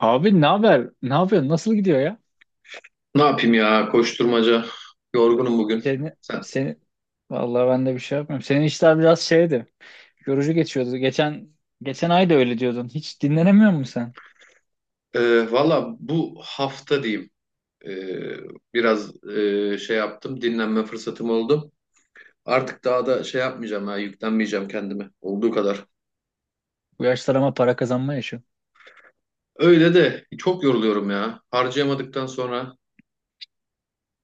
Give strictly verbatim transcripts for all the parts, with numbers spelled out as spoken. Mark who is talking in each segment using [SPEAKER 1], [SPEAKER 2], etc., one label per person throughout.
[SPEAKER 1] Abi ne haber? Ne yapıyorsun? Nasıl gidiyor ya?
[SPEAKER 2] Ne yapayım ya, koşturmaca, yorgunum bugün.
[SPEAKER 1] Seni,
[SPEAKER 2] Sen,
[SPEAKER 1] seni vallahi ben de bir şey yapmıyorum. Senin işler biraz şeydi. Yorucu geçiyordu. Geçen geçen ay da öyle diyordun. Hiç dinlenemiyor musun sen?
[SPEAKER 2] e, valla bu hafta diyeyim, e, biraz e, şey yaptım, dinlenme fırsatım oldu. Artık daha da şey yapmayacağım ya, yüklenmeyeceğim kendime olduğu kadar.
[SPEAKER 1] Bu yaşlar ama para kazanma yaşı.
[SPEAKER 2] Öyle de çok yoruluyorum ya, harcayamadıktan sonra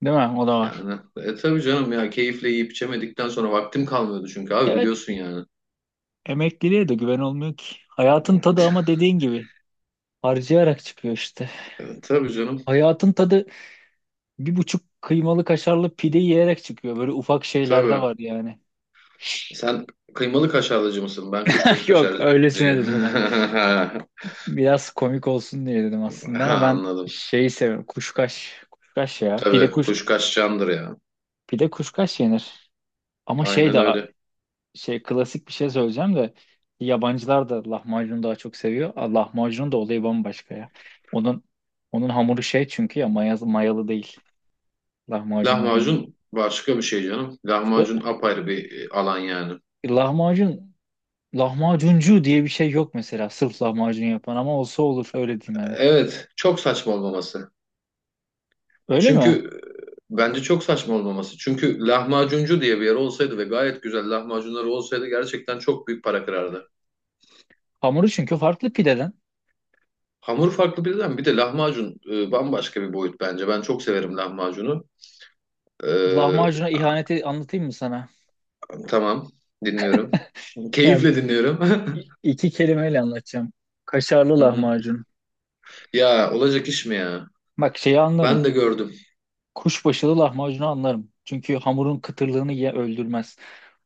[SPEAKER 1] Değil mi? O da var.
[SPEAKER 2] yani, e, tabii canım ya, keyifle yiyip içemedikten sonra vaktim kalmıyordu çünkü abi
[SPEAKER 1] Evet.
[SPEAKER 2] biliyorsun yani.
[SPEAKER 1] Emekliliğe de güven olmuyor ki. Hayatın tadı, ama dediğin gibi, harcayarak çıkıyor işte.
[SPEAKER 2] E, tabii canım,
[SPEAKER 1] Hayatın tadı bir buçuk kıymalı kaşarlı pide yiyerek çıkıyor. Böyle ufak şeylerde
[SPEAKER 2] tabii.
[SPEAKER 1] var yani.
[SPEAKER 2] Sen kıymalı kaşarlıcı mısın? Ben kuşbaşı
[SPEAKER 1] Yok, öylesine
[SPEAKER 2] kaşarcıyım.
[SPEAKER 1] dedim ben. Biraz komik olsun diye dedim aslında,
[SPEAKER 2] Ha,
[SPEAKER 1] ama ben
[SPEAKER 2] anladım.
[SPEAKER 1] şeyi seviyorum. Kuşkaş. Kuşkaş ya. Pide
[SPEAKER 2] Tabii
[SPEAKER 1] kuş
[SPEAKER 2] kuş kaçacağındır ya.
[SPEAKER 1] pide kuşkaş yenir. Ama şey
[SPEAKER 2] Aynen
[SPEAKER 1] de
[SPEAKER 2] öyle.
[SPEAKER 1] şey, klasik bir şey söyleyeceğim de, yabancılar da lahmacunu daha çok seviyor. Ah, lahmacunun da olayı bambaşka ya. Onun onun hamuru şey, çünkü ya maya mayalı değil. Lahmacunun hamuru.
[SPEAKER 2] Lahmacun başka bir şey canım.
[SPEAKER 1] O
[SPEAKER 2] Lahmacun apayrı bir e, alan yani.
[SPEAKER 1] lahmacun lahmacuncu diye bir şey yok mesela. Sırf lahmacun yapan, ama olsa olur, öyle diyeyim yani.
[SPEAKER 2] Evet, çok saçma olmaması.
[SPEAKER 1] Öyle mi?
[SPEAKER 2] Çünkü e, bence çok saçma olmaması. Çünkü lahmacuncu diye bir yer olsaydı ve gayet güzel lahmacunları olsaydı, gerçekten çok büyük para kırardı.
[SPEAKER 1] Hamuru çünkü farklı pideden.
[SPEAKER 2] Hamur farklı birden, bir de lahmacun e, bambaşka bir boyut bence. Ben çok severim lahmacunu. Ee,
[SPEAKER 1] Lahmacuna ihaneti anlatayım mı sana?
[SPEAKER 2] tamam, dinliyorum.
[SPEAKER 1] Ya, İ-
[SPEAKER 2] Keyifle dinliyorum.
[SPEAKER 1] i- iki kelimeyle anlatacağım. Kaşarlı
[SPEAKER 2] Hı hı.
[SPEAKER 1] lahmacun.
[SPEAKER 2] Ya olacak iş mi ya?
[SPEAKER 1] Bak, şeyi
[SPEAKER 2] Ben
[SPEAKER 1] anlarım.
[SPEAKER 2] de gördüm.
[SPEAKER 1] Kuşbaşılı lahmacunu anlarım. Çünkü hamurun kıtırlığını ye öldürmez.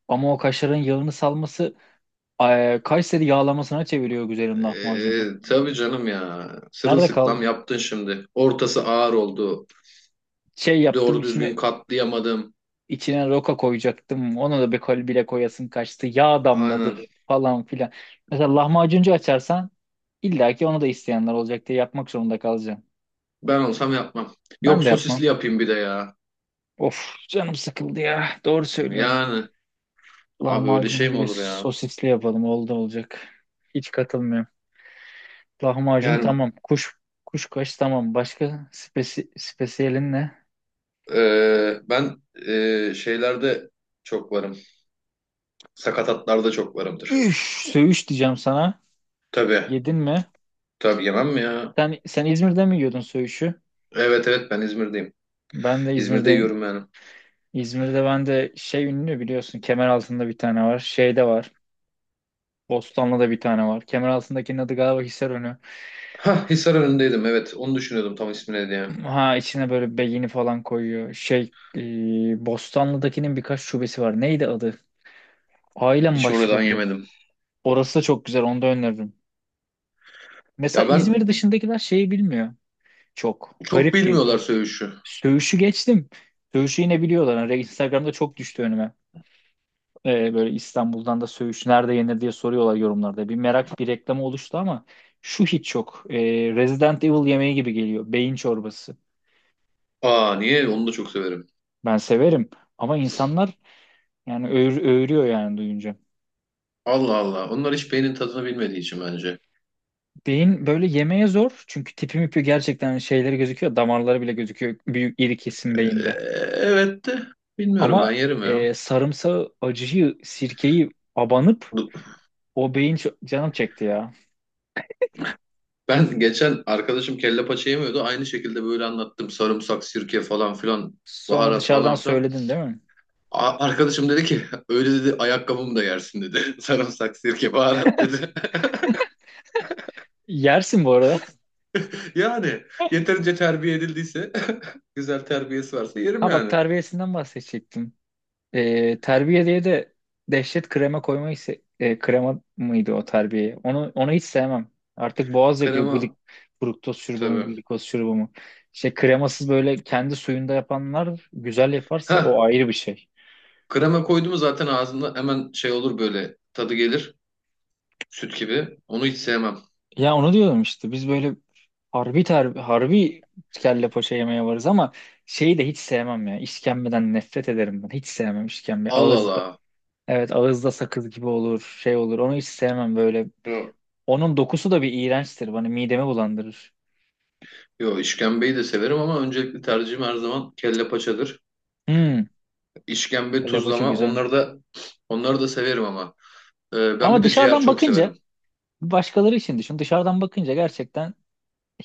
[SPEAKER 1] Ama o kaşarın yağını salması eee, Kayseri yağlamasına çeviriyor güzelim lahmacunu.
[SPEAKER 2] Ee, tabii canım ya.
[SPEAKER 1] Nerede
[SPEAKER 2] Sırılsıklam
[SPEAKER 1] kaldı?
[SPEAKER 2] yaptın şimdi. Ortası ağır oldu.
[SPEAKER 1] Şey yaptım
[SPEAKER 2] Doğru düzgün
[SPEAKER 1] içine
[SPEAKER 2] katlayamadım.
[SPEAKER 1] içine roka koyacaktım. Ona da bir kol bile koyasın kaçtı. Yağ damladı
[SPEAKER 2] Aynen.
[SPEAKER 1] falan filan. Mesela lahmacuncu açarsan, illa ki onu da isteyenler olacak diye yapmak zorunda kalacağım.
[SPEAKER 2] Ben olsam yapmam.
[SPEAKER 1] Ben
[SPEAKER 2] Yok,
[SPEAKER 1] de yapmam.
[SPEAKER 2] sosisli yapayım bir de ya.
[SPEAKER 1] Of, canım sıkıldı ya. Doğru söylüyorsun.
[SPEAKER 2] Yani abi öyle şey
[SPEAKER 1] Lahmacunu
[SPEAKER 2] mi
[SPEAKER 1] bile
[SPEAKER 2] olur ya?
[SPEAKER 1] sosisli yapalım. Oldu olacak. Hiç katılmıyorum. Lahmacun
[SPEAKER 2] Yani
[SPEAKER 1] tamam. Kuş kuşkaş tamam. Başka spesi, spesiyelin ne?
[SPEAKER 2] e, ben e, şeylerde çok varım. Sakatatlarda çok varımdır.
[SPEAKER 1] Üf, söğüş diyeceğim sana.
[SPEAKER 2] Tabii.
[SPEAKER 1] Yedin mi?
[SPEAKER 2] Tabii yemem mi ya?
[SPEAKER 1] Sen, sen İzmir'de mi yiyordun söğüşü?
[SPEAKER 2] Evet evet, ben İzmir'deyim.
[SPEAKER 1] Ben de
[SPEAKER 2] İzmir'de
[SPEAKER 1] İzmir'deyim.
[SPEAKER 2] yiyorum yani.
[SPEAKER 1] İzmir'de ben de şey ünlü, biliyorsun. Kemeraltı'nda bir tane var. Şeyde var. Bostanlı'da bir tane var. Kemeraltı'ndakinin adı galiba Hisarönü.
[SPEAKER 2] Ha, Hisar önündeydim, evet. Onu düşünüyordum, tam ismi ne diye.
[SPEAKER 1] Ha, içine böyle beyni falan koyuyor. Şey, e, Bostanlı'dakinin birkaç şubesi var. Neydi adı? Ailem
[SPEAKER 2] Hiç oradan
[SPEAKER 1] başlıyordu.
[SPEAKER 2] yemedim.
[SPEAKER 1] Orası da çok güzel. Onu da öneririm. Mesela
[SPEAKER 2] Ya ben,
[SPEAKER 1] İzmir dışındakiler şeyi bilmiyor. Çok.
[SPEAKER 2] çok
[SPEAKER 1] Garip
[SPEAKER 2] bilmiyorlar
[SPEAKER 1] geliyor.
[SPEAKER 2] söğüşü.
[SPEAKER 1] Söğüş'ü geçtim. Söğüş'ü yine biliyorlar. Hani, Instagram'da çok düştü önüme. E, böyle İstanbul'dan da söğüş nerede yenir diye soruyorlar yorumlarda. Bir merak, bir reklamı oluştu ama şu hiç yok. E, Resident Evil yemeği gibi geliyor. Beyin çorbası.
[SPEAKER 2] Aa, niye? Onu da çok severim.
[SPEAKER 1] Ben severim. Ama insanlar, yani öğür- öğürüyor yani duyunca.
[SPEAKER 2] Allah Allah. Onlar hiç beynin tadını bilmediği için bence.
[SPEAKER 1] Beyin böyle yemeye zor. Çünkü tipi mipi, gerçekten şeyleri gözüküyor. Damarları bile gözüküyor. Büyük iri kesim
[SPEAKER 2] Ee,
[SPEAKER 1] beyinde.
[SPEAKER 2] evet de bilmiyorum, ben
[SPEAKER 1] Ama
[SPEAKER 2] yerim ya.
[SPEAKER 1] e, sarımsağı, acıyı, sirkeyi abanıp o beyin ço- canım çekti ya.
[SPEAKER 2] Ben geçen arkadaşım kelle paça yemiyordu. Aynı şekilde böyle anlattım. Sarımsak, sirke falan filan.
[SPEAKER 1] Sonra
[SPEAKER 2] Baharat
[SPEAKER 1] dışarıdan
[SPEAKER 2] falan filan.
[SPEAKER 1] söyledin, değil mi?
[SPEAKER 2] A- Arkadaşım dedi ki öyle dedi, ayakkabımı da yersin dedi. Sarımsak, sirke, baharat dedi.
[SPEAKER 1] Yersin bu arada.
[SPEAKER 2] Yani yeterince terbiye edildiyse güzel terbiyesi varsa yerim
[SPEAKER 1] Ha bak,
[SPEAKER 2] yani.
[SPEAKER 1] terbiyesinden bahsedecektim. E, terbiye diye de dehşet krema koymayı se- e, krema mıydı o terbiye? Onu onu hiç sevmem. Artık boğaz yakıyor, glik
[SPEAKER 2] Krema
[SPEAKER 1] fruktoz şurubu mu,
[SPEAKER 2] tabii.
[SPEAKER 1] glikoz şurubu mu. Şey, kremasız böyle kendi suyunda yapanlar güzel yaparsa,
[SPEAKER 2] Heh,
[SPEAKER 1] o ayrı bir şey.
[SPEAKER 2] krema koyduğumu zaten ağzında hemen şey olur, böyle tadı gelir süt gibi. Onu hiç sevmem.
[SPEAKER 1] Ya, onu diyordum işte, biz böyle harbi ter, harbi kelle paça yemeye varız, ama şeyi de hiç sevmem ya. İşkembeden nefret ederim ben. Hiç sevmem işkembe.
[SPEAKER 2] Allah
[SPEAKER 1] Ağızda,
[SPEAKER 2] Allah.
[SPEAKER 1] evet, ağızda sakız gibi olur, şey olur. Onu hiç sevmem böyle.
[SPEAKER 2] Yo,
[SPEAKER 1] Onun dokusu da bir iğrençtir. Bana midemi bulandırır.
[SPEAKER 2] yo, işkembeyi de severim ama öncelikli tercihim her zaman kelle paçadır.
[SPEAKER 1] Hmm,
[SPEAKER 2] İşkembe,
[SPEAKER 1] lavaşa
[SPEAKER 2] tuzlama,
[SPEAKER 1] güzel.
[SPEAKER 2] onları da onları da severim ama. Ee, ben bir
[SPEAKER 1] Ama
[SPEAKER 2] de ciğer
[SPEAKER 1] dışarıdan
[SPEAKER 2] çok
[SPEAKER 1] bakınca,
[SPEAKER 2] severim.
[SPEAKER 1] başkaları için düşün. Dışarıdan bakınca gerçekten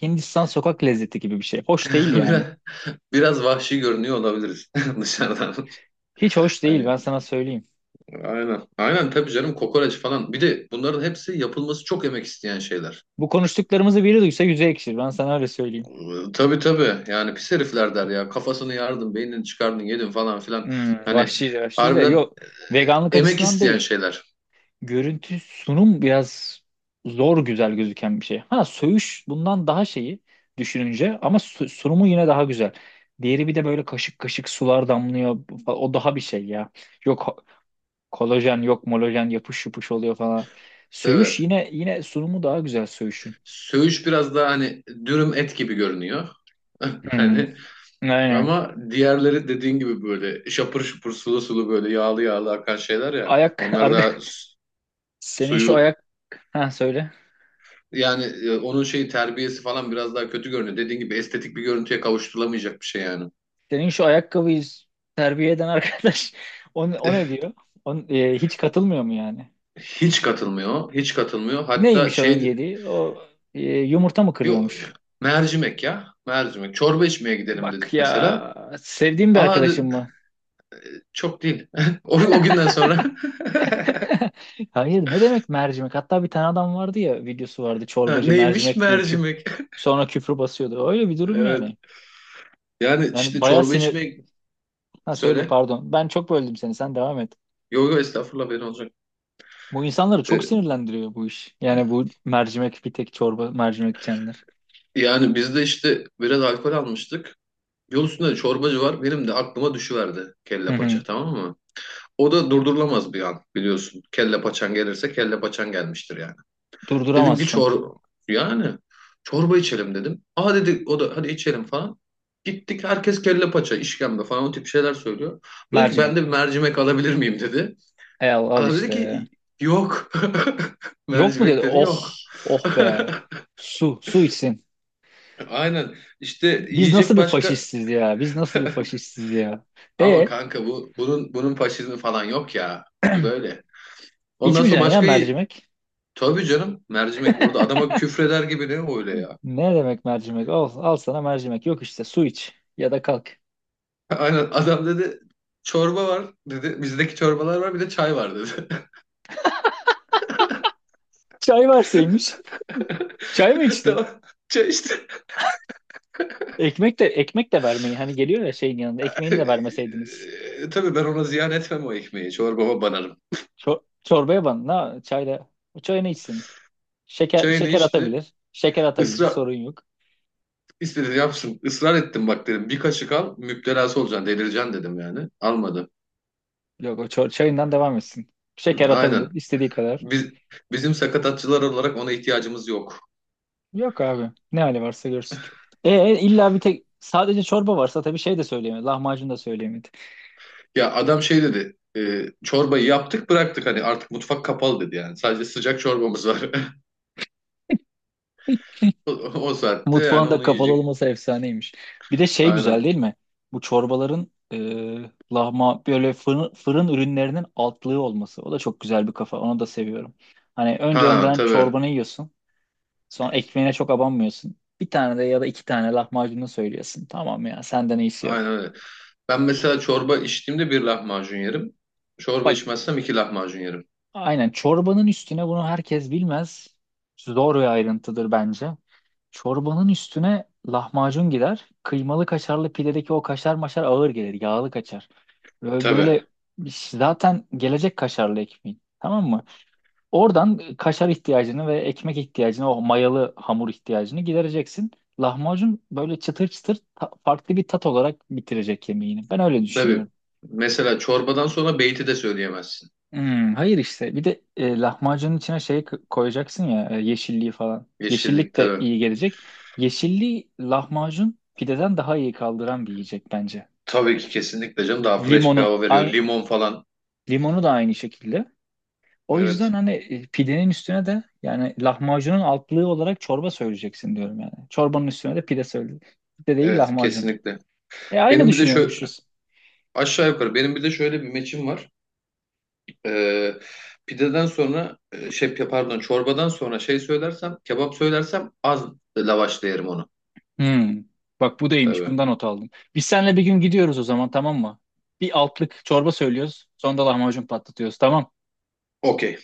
[SPEAKER 1] Hindistan sokak lezzeti gibi bir şey. Hoş değil
[SPEAKER 2] Biraz,
[SPEAKER 1] yani.
[SPEAKER 2] biraz vahşi görünüyor olabiliriz dışarıdan.
[SPEAKER 1] Hiç hoş değil,
[SPEAKER 2] Hani
[SPEAKER 1] ben sana söyleyeyim.
[SPEAKER 2] aynen. Aynen tabii canım, kokoreç falan. Bir de bunların hepsi yapılması çok emek isteyen şeyler.
[SPEAKER 1] Bu konuştuklarımızı biri duysa yüzü ekşir. Ben sana öyle söyleyeyim.
[SPEAKER 2] Ee, Tabii tabii, yani pis herifler der ya, kafasını yardın, beynini çıkardın yedin falan filan,
[SPEAKER 1] Hmm,
[SPEAKER 2] hani
[SPEAKER 1] vahşi vahşi de.
[SPEAKER 2] harbiden
[SPEAKER 1] Yok, veganlık
[SPEAKER 2] emek
[SPEAKER 1] açısından
[SPEAKER 2] isteyen
[SPEAKER 1] değil.
[SPEAKER 2] şeyler,
[SPEAKER 1] Görüntü, sunum biraz zor güzel gözüken bir şey. Ha, söğüş bundan daha şeyi düşününce, ama su- sunumu yine daha güzel. Diğeri bir de böyle kaşık kaşık sular damlıyor. O daha bir şey ya. Yok kolajen, yok molajen, yapış yapış oluyor falan. Söğüş
[SPEAKER 2] tabii.
[SPEAKER 1] yine yine sunumu daha güzel söğüşün.
[SPEAKER 2] Söğüş biraz daha hani dürüm et gibi görünüyor
[SPEAKER 1] Hmm,
[SPEAKER 2] hani,
[SPEAKER 1] aynen.
[SPEAKER 2] ama diğerleri dediğin gibi böyle şapır şupur sulu sulu, böyle yağlı yağlı akan şeyler ya,
[SPEAKER 1] Ayak
[SPEAKER 2] onlar
[SPEAKER 1] arka,
[SPEAKER 2] daha s-
[SPEAKER 1] senin şu
[SPEAKER 2] suyu
[SPEAKER 1] ayak, ha söyle.
[SPEAKER 2] yani, e, onun şeyi terbiyesi falan biraz daha kötü görünüyor dediğin gibi, estetik bir görüntüye kavuşturulamayacak bir şey yani.
[SPEAKER 1] Senin şu ayakkabıyı terbiye eden arkadaş o, o ne diyor? O, e, hiç katılmıyor mu yani?
[SPEAKER 2] Hiç katılmıyor. Hiç katılmıyor. Hatta
[SPEAKER 1] Neymiş onun
[SPEAKER 2] şey.
[SPEAKER 1] yediği? O, e, yumurta mı
[SPEAKER 2] Yo,
[SPEAKER 1] kırıyormuş?
[SPEAKER 2] mercimek ya. Mercimek. Çorba içmeye gidelim
[SPEAKER 1] Bak
[SPEAKER 2] dedik
[SPEAKER 1] ya,
[SPEAKER 2] mesela.
[SPEAKER 1] sevdiğim bir
[SPEAKER 2] Aa de-
[SPEAKER 1] arkadaşım mı?
[SPEAKER 2] çok değil. O, o günden sonra.
[SPEAKER 1] Hayır, ne demek mercimek? Hatta bir tane adam vardı ya, videosu vardı
[SPEAKER 2] Ha,
[SPEAKER 1] çorbacı
[SPEAKER 2] neymiş?
[SPEAKER 1] mercimek diye küp,
[SPEAKER 2] Mercimek.
[SPEAKER 1] sonra küfür basıyordu. Öyle bir durum
[SPEAKER 2] Evet.
[SPEAKER 1] yani.
[SPEAKER 2] Yani
[SPEAKER 1] Yani
[SPEAKER 2] işte
[SPEAKER 1] bayağı
[SPEAKER 2] çorba
[SPEAKER 1] sinir.
[SPEAKER 2] içmeye,
[SPEAKER 1] Ha söyle,
[SPEAKER 2] söyle.
[SPEAKER 1] pardon. Ben çok böldüm seni. Sen devam et.
[SPEAKER 2] Yo yo, estağfurullah, benim olacak.
[SPEAKER 1] Bu insanları çok
[SPEAKER 2] E,
[SPEAKER 1] sinirlendiriyor bu iş. Yani bu mercimek, bir tek çorba mercimek içenler.
[SPEAKER 2] yani biz de işte biraz alkol almıştık. Yol üstünde de çorbacı var. Benim de aklıma düşüverdi
[SPEAKER 1] Hı
[SPEAKER 2] kelle paça,
[SPEAKER 1] hı.
[SPEAKER 2] tamam mı? O da durdurulamaz bir an, biliyorsun. Kelle paçan gelirse, kelle paçan gelmiştir yani. Dedim ki
[SPEAKER 1] Durduramazsın.
[SPEAKER 2] çor yani çorba içelim dedim. Aa dedi, o da hadi içelim falan. Gittik, herkes kelle paça, işkembe falan o tip şeyler söylüyor. Bu dedi ki, ben de bir
[SPEAKER 1] Mercimek.
[SPEAKER 2] mercimek alabilir miyim dedi.
[SPEAKER 1] E, al, al
[SPEAKER 2] Adam dedi
[SPEAKER 1] işte.
[SPEAKER 2] ki yok.
[SPEAKER 1] Yok mu dedi.
[SPEAKER 2] Mercimek dedi,
[SPEAKER 1] Oh,
[SPEAKER 2] yok.
[SPEAKER 1] oh be. Su, su içsin.
[SPEAKER 2] Aynen. işte
[SPEAKER 1] Biz nasıl
[SPEAKER 2] yiyecek
[SPEAKER 1] bir
[SPEAKER 2] başka,
[SPEAKER 1] faşistiz ya? Biz nasıl bir faşistiz ya?
[SPEAKER 2] ama
[SPEAKER 1] E,
[SPEAKER 2] kanka bu, bunun bunun faşizmi falan yok ya. Bu böyle. Ondan sonra
[SPEAKER 1] içmeyeceksin ya
[SPEAKER 2] başka,
[SPEAKER 1] mercimek.
[SPEAKER 2] tabii canım, mercimek orada adama küfreder gibi, ne öyle ya.
[SPEAKER 1] Ne demek mercimek? Al, al sana mercimek. Yok işte, su iç ya da kalk.
[SPEAKER 2] Aynen, adam dedi çorba var dedi. Bizdeki çorbalar var, bir de çay var dedi.
[SPEAKER 1] Çay verseymiş. Çay mı içti?
[SPEAKER 2] Tamam, çay işte.
[SPEAKER 1] Ekmek de ekmek de vermeyin. Hani geliyor ya şeyin yanında. Ekmeğini de vermeseydiniz.
[SPEAKER 2] E, tabii ben ona ziyan etmem o ekmeği. Çorbama banarım.
[SPEAKER 1] Çor çorbaya ban. Na çayla. O çayını içsin. Şeker
[SPEAKER 2] Çayını
[SPEAKER 1] şeker
[SPEAKER 2] içti.
[SPEAKER 1] atabilir. Şeker atabilir.
[SPEAKER 2] Israr
[SPEAKER 1] Sorun yok.
[SPEAKER 2] istedi yapsın. Israr ettim, bak dedim, bir kaşık al, müptelası olacaksın, delireceksin dedim yani. Almadı.
[SPEAKER 1] Yok, o çor- çayından devam etsin.
[SPEAKER 2] Hı,
[SPEAKER 1] Şeker atabilir
[SPEAKER 2] aynen.
[SPEAKER 1] istediği kadar.
[SPEAKER 2] Biz, bizim sakatatçılar olarak ona ihtiyacımız yok.
[SPEAKER 1] Yok abi. Ne hali varsa görsün. E, e, illa bir tek, sadece çorba varsa tabii, şey de söyleyemedi. Lahmacun da söyleyemedi.
[SPEAKER 2] Ya adam şey dedi. E, çorbayı yaptık, bıraktık, hani artık mutfak kapalı dedi yani. Sadece sıcak çorbamız var. O, o saatte yani
[SPEAKER 1] Mutfağın da
[SPEAKER 2] onu
[SPEAKER 1] kapalı
[SPEAKER 2] yiyecek.
[SPEAKER 1] olması efsaneymiş. Bir de şey
[SPEAKER 2] Aynen.
[SPEAKER 1] güzel değil mi? Bu çorbaların, e, lahma böyle fırın, fırın ürünlerinin altlığı olması. O da çok güzel bir kafa. Onu da seviyorum. Hani, önce
[SPEAKER 2] Ha
[SPEAKER 1] önden
[SPEAKER 2] tabii.
[SPEAKER 1] çorbanı yiyorsun. Sonra ekmeğine çok abanmıyorsun. Bir tane, de ya da iki tane lahmacunu söylüyorsun. Tamam ya, senden iyisi yok.
[SPEAKER 2] Aynen öyle. Ben mesela çorba içtiğimde bir lahmacun yerim. Çorba
[SPEAKER 1] Bak,
[SPEAKER 2] içmezsem iki lahmacun yerim.
[SPEAKER 1] Aynen, çorbanın üstüne, bunu herkes bilmez. Zor bir ayrıntıdır bence. Çorbanın üstüne lahmacun gider. Kıymalı kaşarlı pidedeki o kaşar maşar ağır gelir. Yağlı kaşar. Ve
[SPEAKER 2] Tabii.
[SPEAKER 1] Böyle zaten gelecek kaşarlı ekmeğin. Tamam mı? Oradan kaşar ihtiyacını ve ekmek ihtiyacını, o mayalı hamur ihtiyacını gidereceksin. Lahmacun böyle çıtır çıtır ta- farklı bir tat olarak bitirecek yemeğini. Ben öyle
[SPEAKER 2] Tabii.
[SPEAKER 1] düşünüyorum.
[SPEAKER 2] Mesela çorbadan sonra beyti de söyleyemezsin.
[SPEAKER 1] Hmm, hayır işte. Bir de e, lahmacunun içine şey k- koyacaksın ya, e, yeşilliği falan.
[SPEAKER 2] Yeşillik
[SPEAKER 1] Yeşillik de
[SPEAKER 2] tabii.
[SPEAKER 1] iyi gelecek. Yeşilliği lahmacun pideden daha iyi kaldıran bir yiyecek bence.
[SPEAKER 2] Tabii ki kesinlikle canım, daha fresh bir
[SPEAKER 1] Limonu
[SPEAKER 2] hava veriyor.
[SPEAKER 1] ay
[SPEAKER 2] Limon falan.
[SPEAKER 1] Limonu da aynı şekilde. O yüzden
[SPEAKER 2] Evet.
[SPEAKER 1] hani e, pidenin üstüne de, yani lahmacunun altlığı olarak çorba söyleyeceksin diyorum yani. Çorbanın üstüne de pide söyle. Pide değil,
[SPEAKER 2] Evet,
[SPEAKER 1] lahmacun.
[SPEAKER 2] kesinlikle.
[SPEAKER 1] E aynı
[SPEAKER 2] Benim bir de şöyle
[SPEAKER 1] düşünüyormuşuz.
[SPEAKER 2] aşağı yukarı benim bir de şöyle bir meçim var. Ee, pideden sonra e, şey pardon çorbadan sonra şey söylersem, kebap söylersem, az lavaşla yerim onu.
[SPEAKER 1] Hmm. Bak, bu da iyiymiş.
[SPEAKER 2] Tabii.
[SPEAKER 1] Bundan not aldım. Biz seninle bir gün gidiyoruz o zaman, tamam mı? Bir altlık çorba söylüyoruz. Sonra da lahmacun patlatıyoruz, tamam.
[SPEAKER 2] Okey.